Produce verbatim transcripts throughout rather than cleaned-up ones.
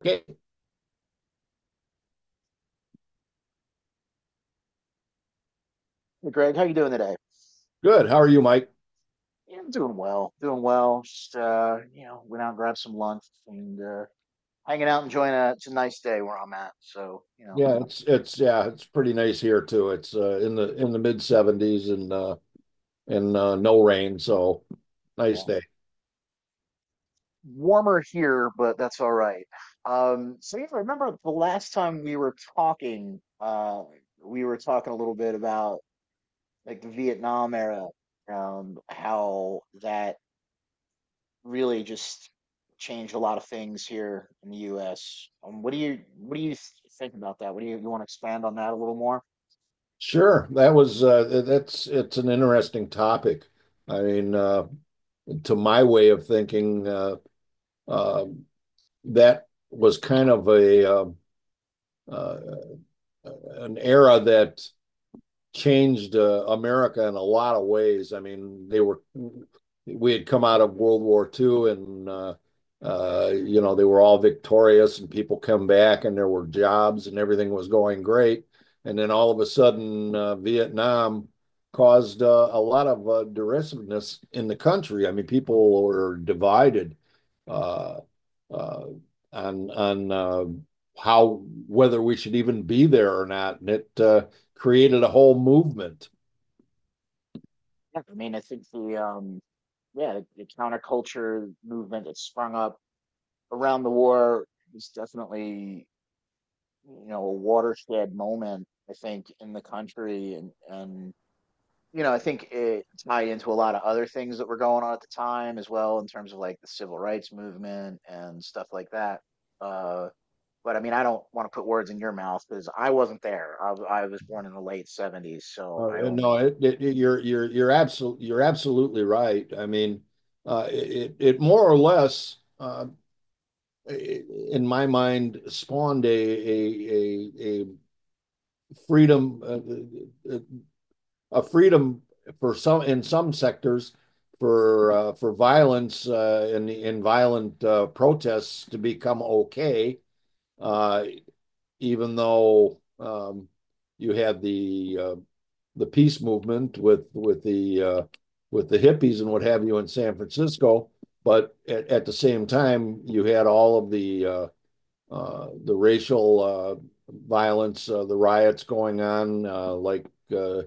Okay, Hey Greg, how you doing today? good. How are you, Mike? Yeah, I'm doing well. Doing well. Just uh, you know, went out and grabbed some lunch and uh hanging out enjoying a it's a nice day where I'm at. So, you know, Yeah, it's it's yeah, it's pretty nice here too. It's uh, in the in the mid seventies and uh and uh, no rain, so nice yeah. day. Warmer here, but that's all right. Um, so yeah, remember the last time we were talking, uh we were talking a little bit about like the Vietnam era, um, how that really just changed a lot of things here in the U S. Um, what do you what do you th- think about that? What do you you want to expand on that a little more? Sure. That was uh that's it's an interesting topic. I mean, uh to my way of thinking, uh uh that was kind of a uh, uh an era that changed uh, America in a lot of ways. I mean, they were we had come out of World War Second, and uh, uh, you know they were all victorious, and people come back, and there were jobs, and everything was going great. And then all of a sudden, uh, Vietnam caused uh, a lot of uh, derisiveness in the country. I mean, people were divided uh, uh, on on uh, how whether we should even be there or not, and it uh, created a whole movement. Yeah. I mean, I think the um, yeah, the counterculture movement that sprung up around the war was definitely, you know, a watershed moment. I think in the country, and and you know I think it tied into a lot of other things that were going on at the time as well in terms of like the civil rights movement and stuff like that. Uh, But I mean, I don't want to put words in your mouth because I wasn't there. I, w- I was born in the late seventies, so I Uh, no, only. it, it, it- you're you're you're absolutely you're absolutely right. I mean, uh, it it more or less, uh, in my mind, spawned a a a, a freedom uh, uh, uh, a freedom for some in some sectors for uh, for violence uh, and and violent uh, protests to become okay, uh, even though um, you had the uh, the peace movement with with the uh, with the hippies and what have you in San Francisco. But at, at the same time, you had all of the uh, uh, the racial uh, violence, uh, the riots going on, uh, like uh,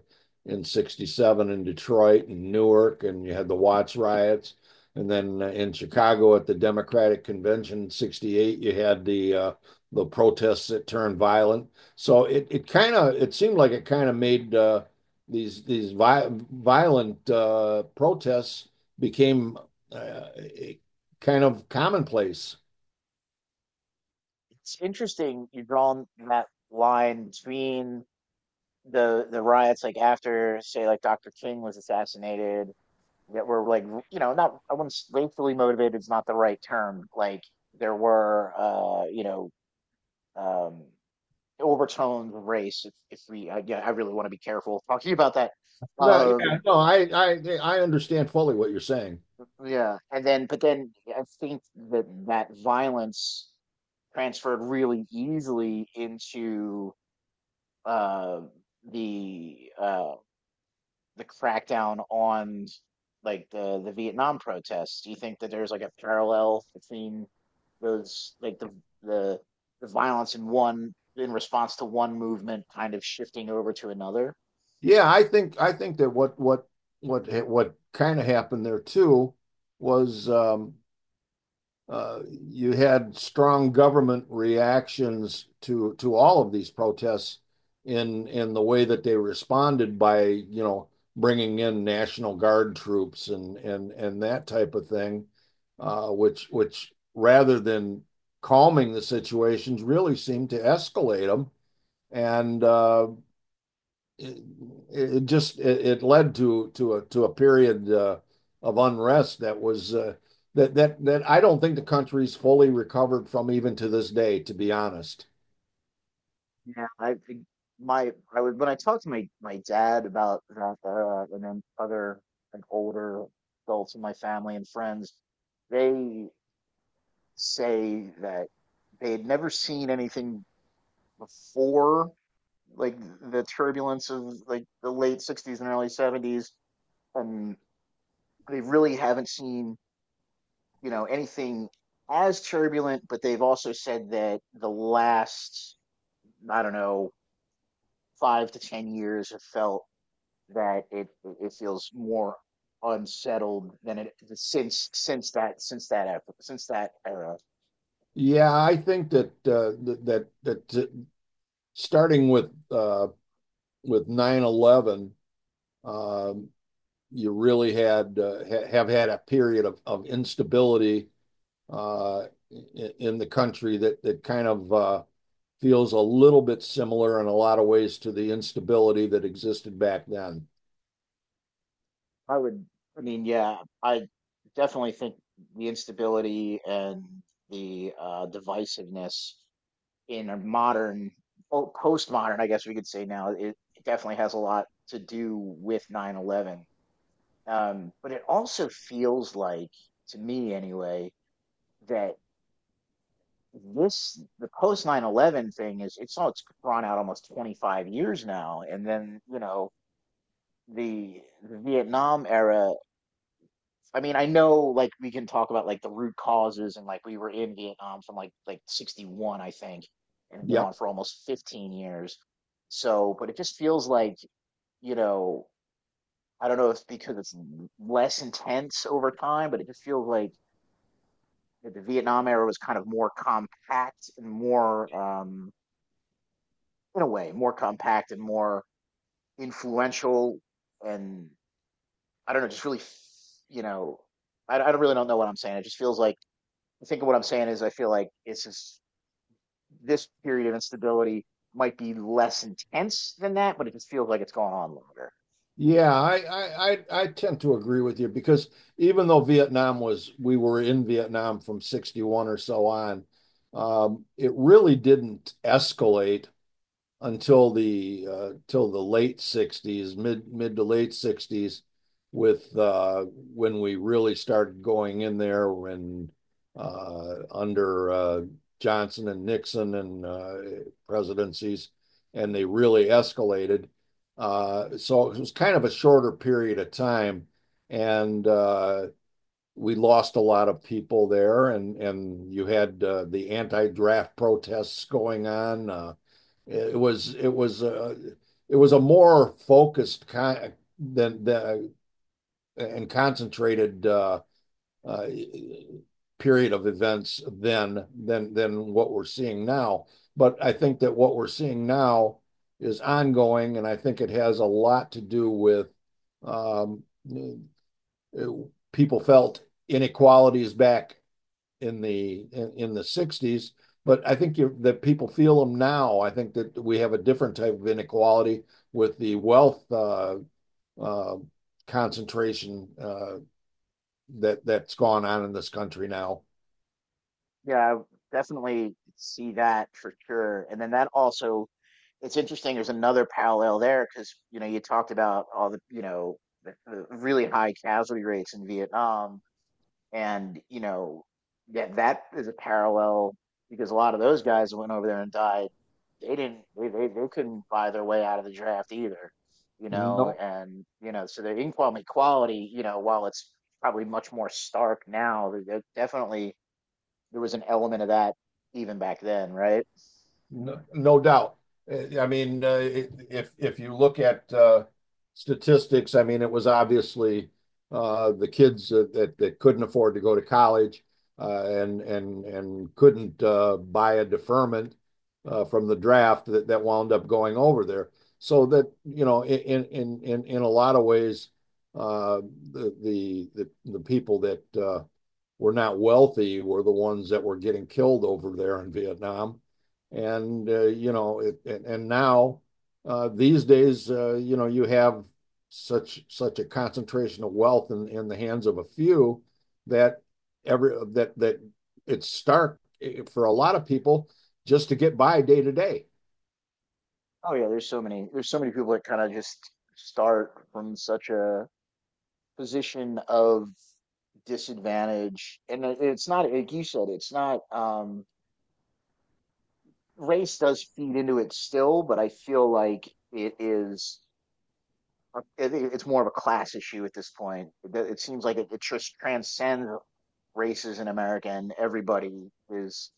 in 'sixty-seven in Detroit and Newark, and you had the Watts riots, and then uh, in Chicago at the Democratic Convention in 'sixty-eight, you had the uh, the protests that turned violent. So it it kind of it seemed like it kind of made uh, these these vi violent uh, protests became uh, kind of commonplace. It's interesting you're drawing that line between the the riots, like after, say, like Doctor King was assassinated, that were like, r- you know, not, I wouldn't, s- racially motivated is not the right term. Like there were, uh, you know, um, overtones of race. If, if we, I, yeah, I really want to be careful talking about that. No, you- know, Yeah. Um, no, I, I, I understand fully what you're saying. Yeah, and then but then I think that that violence transferred really easily into uh the uh the crackdown on like the the Vietnam protests. Do you think that there's like a parallel between those like the the the violence in one in response to one movement kind of shifting over to another? Yeah, I think, I think that what, what, what, what kind of happened there too was um, uh, you had strong government reactions to to all of these protests in in the way that they responded by, you know, bringing in National Guard troops and and and that type of thing, uh, which which rather than calming the situations, really seemed to escalate them and uh, it, it just it, it led to to a to a period uh, of unrest that was uh, that that that I don't think the country's fully recovered from even to this day, to be honest. Yeah, I think my I would when I talked to my my dad about that era and then other like older adults in my family and friends, they say that they had never seen anything before like the turbulence of like the late sixties and early seventies, and they really haven't seen, you know, anything as turbulent, but they've also said that the last, I don't know, five to ten years have felt that it it feels more unsettled than it since since that since that epoch, since that era. Yeah, I think that uh, that that, that uh, starting with uh, with nine eleven, 11 you really had uh, ha- have had a period of of instability uh, in, in the country that that kind of uh, feels a little bit similar in a lot of ways to the instability that existed back then. I would, I mean, yeah, I definitely think the instability and the uh, divisiveness in a modern po- postmodern, I guess we could say now, it definitely has a lot to do with nine eleven. Um, but it also feels like, to me anyway, that this the post nine eleven thing is it's all it's drawn out almost twenty-five years now. And then, you know, the the Vietnam era, I mean, I know like we can talk about like the root causes, and like we were in Vietnam from like like sixty-one, I think, and it went on Yep. for almost fifteen years. So but it just feels like, you know, I don't know if because it's less intense over time, but it just feels like that the Vietnam era was kind of more compact and more um. in a way more compact and more influential. And I don't know, just really, you know, i, I don't really don't know what I'm saying. It just feels like I think what I'm saying is I feel like it's just this period of instability might be less intense than that, but it just feels like it's going on longer. Yeah, I, I, I I tend to agree with you because even though Vietnam was, we were in Vietnam from sixty-one or so on, um, it really didn't escalate until the uh, till the late sixties, mid mid to late sixties, with uh, when we really started going in there when uh, under uh, Johnson and Nixon and uh, presidencies, and they really escalated. Uh, so it was kind of a shorter period of time, and uh, we lost a lot of people there, and and you had uh, the anti-draft protests going on. Uh, it was it was uh, it was a more focused con than the and concentrated uh, uh, period of events than than than what we're seeing now. But I think that what we're seeing now is ongoing, and I think it has a lot to do with um, it- people felt inequality is back in the in, in the sixties, but i think you, that people feel them now. I think that we have a different type of inequality with the wealth uh, uh, concentration uh, that that's gone on in this country now. Yeah, I definitely see that for sure. And then that also it's interesting there's another parallel there because, you know, you talked about all the, you know, the, the really high casualty rates in vietnam. And, you know, that that is a parallel because a lot of those guys that went over there and died, they didn't they, they, they couldn't buy their way out of the draft either, you know. no And, you know, so the income equality, you know, while it's probably much more stark now, there there definitely there was an element of that even back then, right? No, no doubt. Uh, I mean, uh, if if you look at uh, statistics, I mean, it was obviously uh, the kids that, that that couldn't afford to go to college uh, and and and couldn't uh, buy a deferment uh, from the draft that, that wound up going over there. So that you know, in in in in a lot of ways, uh, the the the, the people that uh, we're not wealthy. We're the ones that were getting killed over there in Vietnam. And, uh, you know, it, and, and now uh, these days, uh, you know, you have such such a concentration of wealth in, in the hands of a few that every that that it's stark for a lot of people just to get by day to day. Oh yeah, there's so many, there's so many people that kind of just start from such a position of disadvantage, and it- it's not, like you said, it's not, um race does feed into it still, but I feel like it is, it- it's more of a class issue at this point. It, it seems like it, it just transcends races in America, and everybody is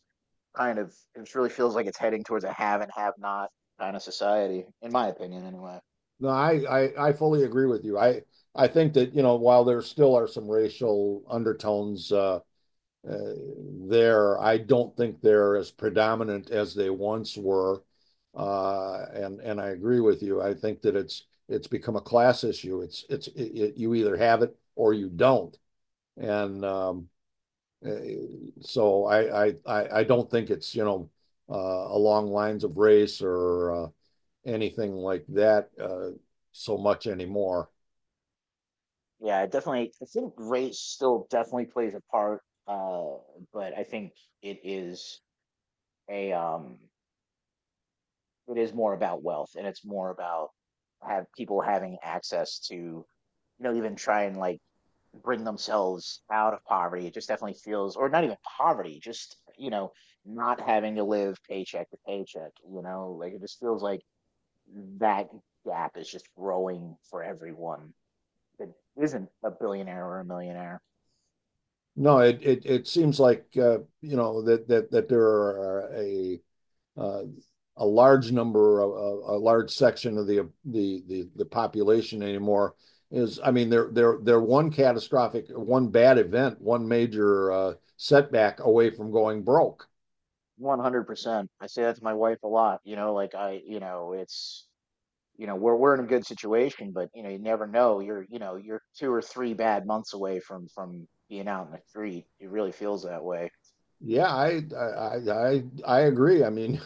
kind of, it really feels like it's heading towards a have and have not kind of society, in my opinion, anyway. No, I, I I fully agree with you. I I think that, you know, while there still are some racial undertones uh, uh, there, I don't think they're as predominant as they once were. Uh, and and I agree with you. I think that it's it's become a class issue. It's it's it, it, you either have it or you don't. And um, uh, so I I I I don't think it's, you know, uh, along lines of race or uh, anything like that uh, so much anymore. Yeah, it definitely. I think race still definitely plays a part, uh, but I think it is a um it is more about wealth, and it's more about have people having access to, you know, even try and like bring themselves out of poverty. It just definitely feels, or not even poverty, just, you know, not having to live paycheck to paycheck, you know, like it just feels like that gap is just growing for everyone that isn't a billionaire or a millionaire. No, it it, it seems like uh, you know that that that there are a uh, a large number of a, a large section of the, the the the population anymore, is I mean, they're they're they're one catastrophic, one bad event, one major uh, setback away from going broke. one hundred percent I say that to my wife a lot, you know, like i you know it's, you know, we're we're in a good situation, but you know you never know. You're you know you're two or three bad months away from from being out in the street. It really feels that way. Yeah, I I I I agree. I mean,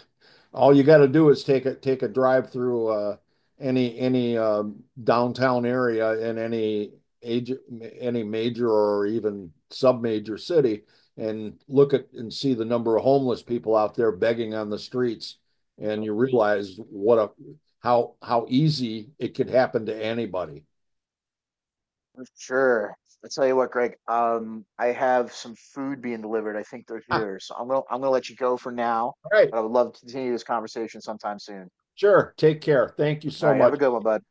All you got to do is take a take a drive through uh, any any um, downtown area in any age any major or even sub-major city and look at and see the number of homeless people out there begging on the streets, and you realize what a how how easy it could happen to anybody. For sure. I tell you what, Greg. Um, I have some food being delivered. I think they're Ah, here, so I'm gonna I'm gonna let you go for now. all right, But I would love to continue this conversation sometime soon. sure. Take care. Thank you All so right, have a much. good one, bud.